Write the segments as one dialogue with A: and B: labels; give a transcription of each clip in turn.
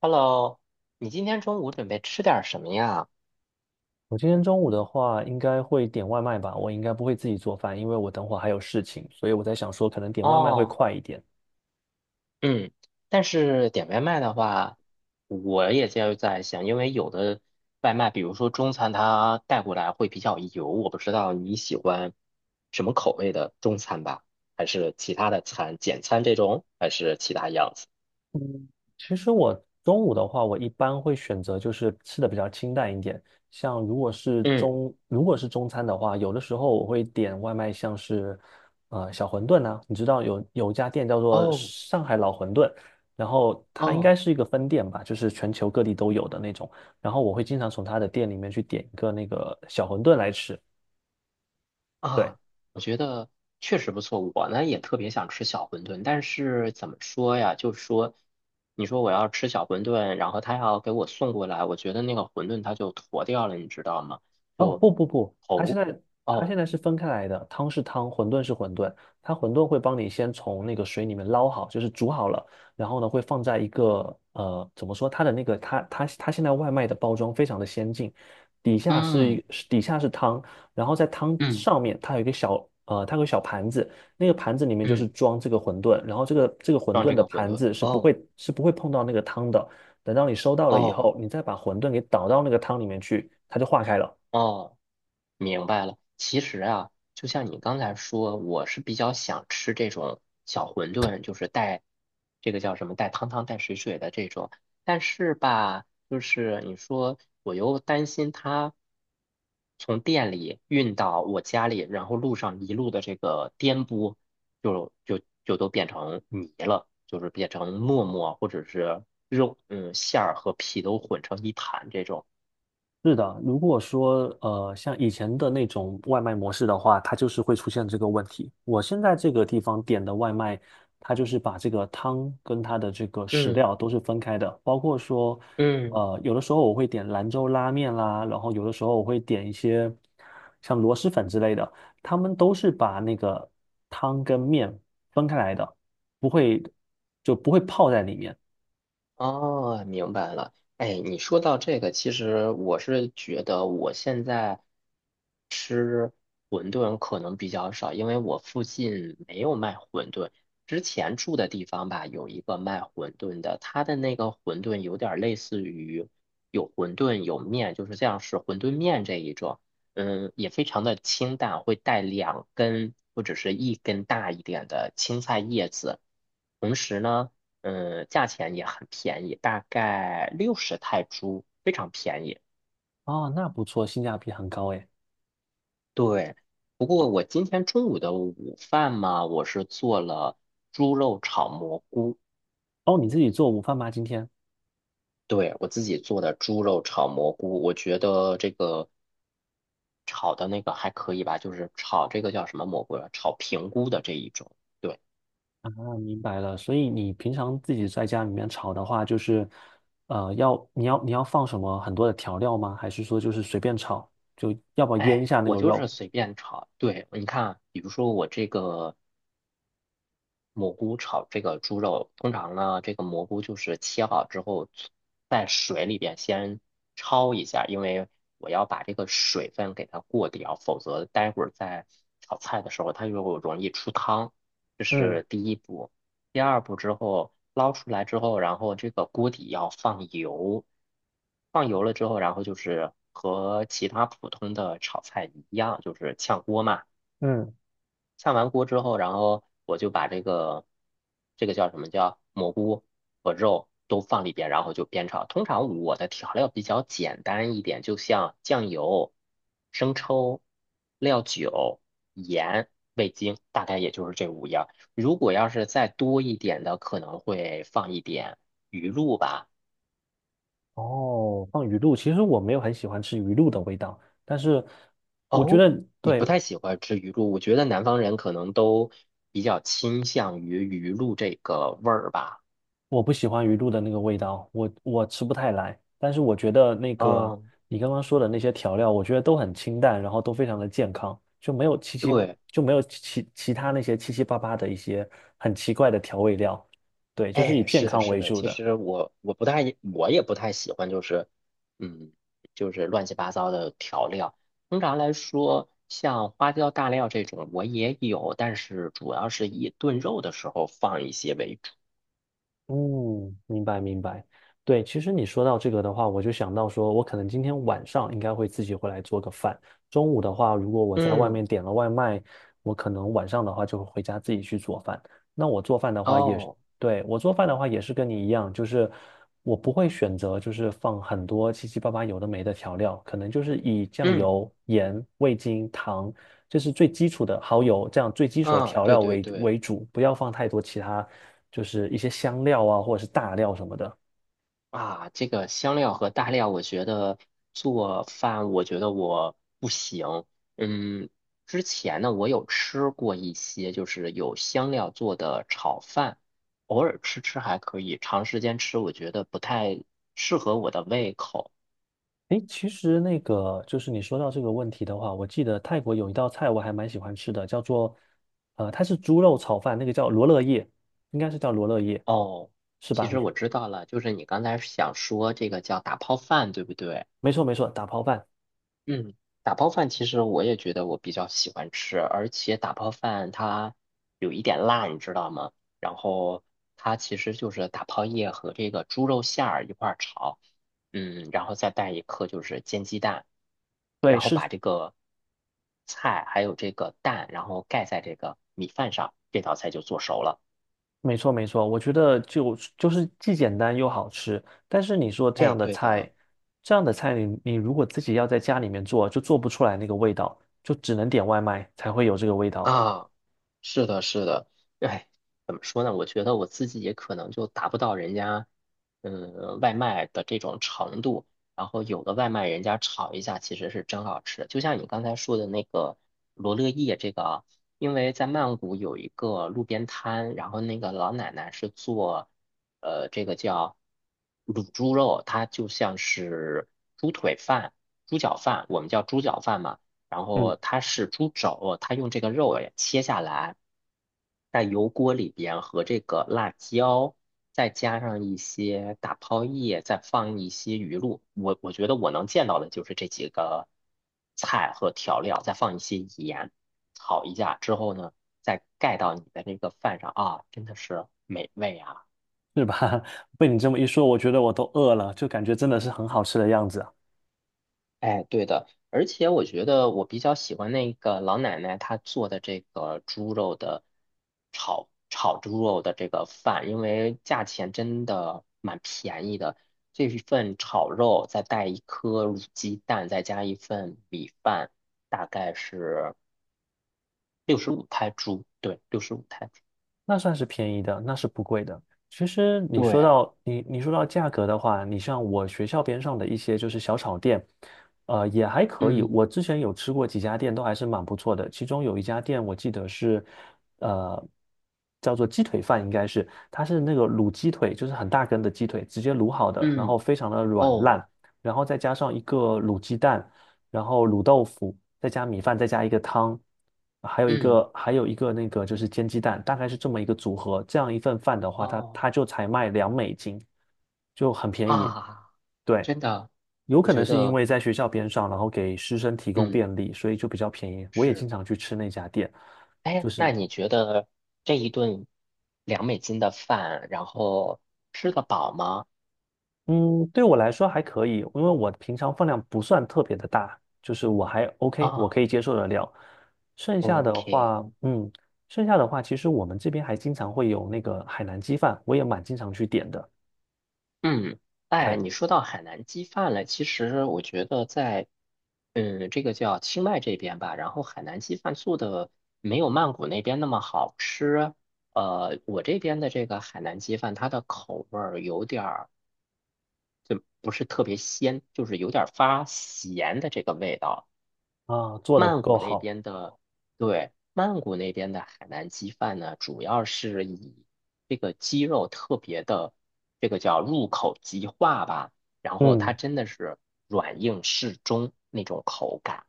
A: Hello，你今天中午准备吃点儿什么呀？
B: 我今天中午的话，应该会点外卖吧。我应该不会自己做饭，因为我等会儿还有事情，所以我在想说，可能点外卖会
A: 哦，
B: 快一点。
A: 嗯，但是点外卖的话，我也就在想，因为有的外卖，比如说中餐，它带过来会比较油，我不知道你喜欢什么口味的中餐吧？还是其他的餐，简餐这种，还是其他样子？
B: 其实我中午的话，我一般会选择就是吃的比较清淡一点，像如果是
A: 嗯，
B: 中如果是中餐的话，有的时候我会点外卖，像是小馄饨啊，你知道有一家店叫做
A: 哦
B: 上海老馄饨，然后它应该
A: 哦。
B: 是一个分店吧，就是全球各地都有的那种，然后我会经常从它的店里面去点一个那个小馄饨来吃。对。
A: 啊，我觉得确实不错。我呢也特别想吃小馄饨，但是怎么说呀？就是说，你说我要吃小馄饨，然后他要给我送过来，我觉得那个馄饨它就坨掉了，你知道吗？
B: 哦，
A: 就
B: 不不不，
A: 头
B: 它现
A: 哦，
B: 在是分开来的，汤是汤，馄饨是馄饨。它馄饨会帮你先从那个水里面捞好，就是煮好了，然后呢会放在一个怎么说？它的那个它现在外卖的包装非常的先进，
A: 嗯
B: 底下是汤，然后在汤
A: 嗯
B: 上面它有一个它有个小盘子，那个盘子里面就是
A: 嗯，
B: 装这个馄饨，然后这个馄
A: 装
B: 饨
A: 这
B: 的
A: 个馄
B: 盘
A: 饨
B: 子是不
A: 哦
B: 会是不会碰到那个汤的。等到你收到了以
A: 哦
B: 后，你再把馄饨给倒到那个汤里面去，它就化开了。
A: 哦。明白了，其实啊，就像你刚才说，我是比较想吃这种小馄饨，就是带这个叫什么带汤汤带水水的这种。但是吧，就是你说我又担心它从店里运到我家里，然后路上一路的这个颠簸，就都变成泥了，就是变成沫沫或者是肉，嗯，馅儿和皮都混成一盘这种。
B: 是的，如果说像以前的那种外卖模式的话，它就是会出现这个问题。我现在这个地方点的外卖，它就是把这个汤跟它的这个食
A: 嗯
B: 料都是分开的，包括说，
A: 嗯。
B: 呃，有的时候我会点兰州拉面啦，然后有的时候我会点一些像螺蛳粉之类的，他们都是把那个汤跟面分开来的，不会就不会泡在里面。
A: 哦，明白了。哎，你说到这个，其实我是觉得我现在吃馄饨可能比较少，因为我附近没有卖馄饨。之前住的地方吧，有一个卖馄饨的，他的那个馄饨有点儿类似于有馄饨有面，就是这样是馄饨面这一种。嗯，也非常的清淡，会带两根或者是一根大一点的青菜叶子。同时呢。嗯，价钱也很便宜，大概60泰铢，非常便宜。
B: 啊。那不错，性价比很高诶。
A: 对，不过我今天中午的午饭嘛，我是做了猪肉炒蘑菇，
B: 哦，你自己做午饭吗？今天？
A: 对，我自己做的猪肉炒蘑菇，我觉得这个炒的那个还可以吧，就是炒这个叫什么蘑菇啊？炒平菇的这一种。对，
B: 明白了，所以你平常自己在家里面炒的话，就是，呃，要你要你要放什么很多的调料吗？还是说就是随便炒，就要不要腌一
A: 哎，
B: 下那
A: 我
B: 个
A: 就是
B: 肉？
A: 随便炒。对，你看，比如说我这个。蘑菇炒这个猪肉，通常呢，这个蘑菇就是切好之后，在水里边先焯一下，因为我要把这个水分给它过掉，否则待会儿在炒菜的时候它就容易出汤。这
B: 嗯
A: 是第一步。第二步之后捞出来之后，然后这个锅底要放油，放油了之后，然后就是和其他普通的炒菜一样，就是炝锅嘛。
B: 嗯，
A: 炝完锅之后，然后我就把这个叫什么叫蘑菇和肉都放里边，然后就煸炒。通常我的调料比较简单一点，就像酱油、生抽、料酒、盐、味精，大概也就是这五样儿如果要是再多一点的，可能会放一点鱼露吧。
B: 哦，放鱼露，其实我没有很喜欢吃鱼露的味道，但是我觉
A: 哦，
B: 得
A: 你
B: 对，
A: 不太喜欢吃鱼露，我觉得南方人可能都比较倾向于鱼露这个味儿吧。
B: 我不喜欢鱼露的那个味道，我吃不太来。但是我觉得那个
A: 嗯，
B: 你刚刚说的那些调料，我觉得都很清淡，然后都非常的健康，
A: 对，
B: 就没有其他那些七七八八的一些很奇怪的调味料。对，就是以
A: 哎，
B: 健
A: 是的，
B: 康
A: 是
B: 为
A: 的。
B: 主
A: 其
B: 的。
A: 实我不太，我也不太喜欢，就是，嗯，就是乱七八糟的调料。通常来说，像花椒、大料这种我也有，但是主要是以炖肉的时候放一些为主。
B: 嗯，明白明白。对，其实你说到这个的话，我就想到说，我可能今天晚上应该会自己回来做个饭。中午的话，如果我在外
A: 嗯，
B: 面点了外卖，我可能晚上的话就会回家自己去做饭。那我做饭的话也是，
A: 哦，
B: 对，我做饭的话也是跟你一样，就是我不会选择就是放很多七七八八有的没的调料，可能就是以酱
A: 嗯，
B: 油、盐、味精、糖，这是最基础的蚝油，这样最基础的
A: 啊，
B: 调
A: 对
B: 料
A: 对
B: 为
A: 对。
B: 为主，不要放太多其他。就是一些香料啊，或者是大料什么的。
A: 啊，这个香料和大料，我觉得做饭，我觉得我不行。嗯，之前呢，我有吃过一些，就是有香料做的炒饭，偶尔吃吃还可以，长时间吃我觉得不太适合我的胃口。
B: 诶，其实那个就是你说到这个问题的话，我记得泰国有一道菜我还蛮喜欢吃的，叫做它是猪肉炒饭，那个叫罗勒叶，应该是叫罗勒叶，
A: 哦，
B: 是
A: 其
B: 吧？
A: 实我知道了，就是你刚才想说这个叫打泡饭，对不对？
B: 没错没错，打抛饭，
A: 嗯，打泡饭其实我也觉得我比较喜欢吃，而且打泡饭它有一点辣，你知道吗？然后它其实就是打泡叶和这个猪肉馅儿一块儿炒，嗯，然后再带一颗就是煎鸡蛋，
B: 对，
A: 然后
B: 是
A: 把这个菜还有这个蛋，然后盖在这个米饭上，这道菜就做熟了。
B: 没错。我觉得就是既简单又好吃，但是你说这
A: 哎，
B: 样的
A: 对的。
B: 菜，这样的菜你你如果自己要在家里面做，就做不出来那个味道，就只能点外卖才会有这个味道。
A: 啊，是的，是的，哎，怎么说呢？我觉得我自己也可能就达不到人家，嗯，外卖的这种程度。然后有的外卖人家炒一下，其实是真好吃。就像你刚才说的那个罗勒叶这个啊，因为在曼谷有一个路边摊，然后那个老奶奶是做，这个叫卤猪肉，它就像是猪腿饭、猪脚饭，我们叫猪脚饭嘛。然
B: 嗯
A: 后它是猪肘，它用这个肉也切下来，在油锅里边和这个辣椒，再加上一些打泡叶，再放一些鱼露。我觉得我能见到的就是这几个菜和调料，再放一些盐，炒一下之后呢，再盖到你的那个饭上啊，真的是美味啊！
B: 是吧？被你这么一说，我觉得我都饿了，就感觉真的是很好吃的样子啊。
A: 哎，对的，而且我觉得我比较喜欢那个老奶奶她做的这个猪肉的炒猪肉的这个饭，因为价钱真的蛮便宜的。这一份炒肉再带一颗卤鸡蛋，再加一份米饭，大概是六十五泰铢。对，六十五泰铢。
B: 那算是便宜的，那是不贵的。其实你说
A: 对，
B: 到价格的话，你像我学校边上的一些就是小炒店，呃，也还可以。
A: 嗯
B: 我之前有吃过几家店，都还是蛮不错的。其中有一家店我记得是，呃，叫做鸡腿饭，应该是它是那个卤鸡腿，就是很大根的鸡腿，直接卤好的，然后
A: 嗯
B: 非常的软
A: 哦
B: 烂，然后再加上一个卤鸡蛋。然后卤豆腐，再加米饭，再加一个汤，
A: 嗯
B: 还有一个那个就是煎鸡蛋，大概是这么一个组合。这样一份饭的话，它
A: 哦
B: 它就才卖2美金，就很便宜。
A: 啊，
B: 对，
A: 真的，
B: 有
A: 我
B: 可能
A: 觉
B: 是因
A: 得
B: 为在学校边上，然后给师生提供
A: 嗯
B: 便利，所以就比较便宜。我也经
A: 是。
B: 常去吃那家店，就
A: 哎，那
B: 是。
A: 你觉得这一顿2美金的饭，然后吃得饱吗？
B: 嗯，对我来说还可以，因为我平常饭量不算特别的大，就是我还 OK,我
A: 啊
B: 可以接受得了。剩下的
A: ，OK,
B: 话，嗯，剩下的话，其实我们这边还经常会有那个海南鸡饭，我也蛮经常去点的。
A: 嗯，哎，
B: 对，
A: 你说到海南鸡饭了，其实我觉得在，嗯，这个叫清迈这边吧，然后海南鸡饭做的没有曼谷那边那么好吃。呃，我这边的这个海南鸡饭，它的口味儿有点儿不是特别鲜，就是有点儿发咸的这个味道。
B: 啊，做的不
A: 曼谷
B: 够
A: 那
B: 好，
A: 边的，对，曼谷那边的海南鸡饭呢，主要是以这个鸡肉特别的，这个叫入口即化吧，然后它
B: 嗯。
A: 真的是软硬适中那种口感。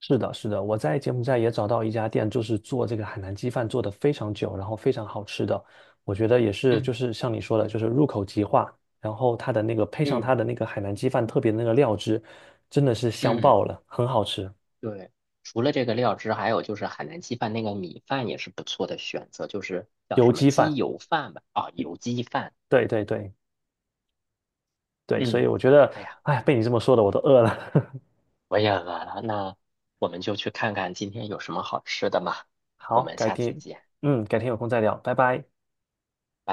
B: 是的，是的，我在柬埔寨也找到一家店，就是做这个海南鸡饭，做的非常久，然后非常好吃的。我觉得也是，就
A: 嗯
B: 是像你说的，就是入口即化，然后它的那个配上
A: 嗯
B: 它的那个海南鸡饭特别的那个料汁，真的是香
A: 嗯，
B: 爆了，很好吃。
A: 对。除了这个料汁，还有就是海南鸡饭那个米饭也是不错的选择，就是叫
B: 油
A: 什么
B: 鸡
A: 鸡
B: 饭，
A: 油饭吧，啊、油鸡饭。
B: 对对对对，所以
A: 嗯，
B: 我觉得，
A: 哎呀。
B: 哎，被你这么说的，我都饿了。
A: 我也饿了，那我们就去看看今天有什么好吃的吧，我
B: 好，
A: 们
B: 改
A: 下次
B: 天，
A: 见。
B: 嗯，改天有空再聊，拜拜。
A: 拜拜。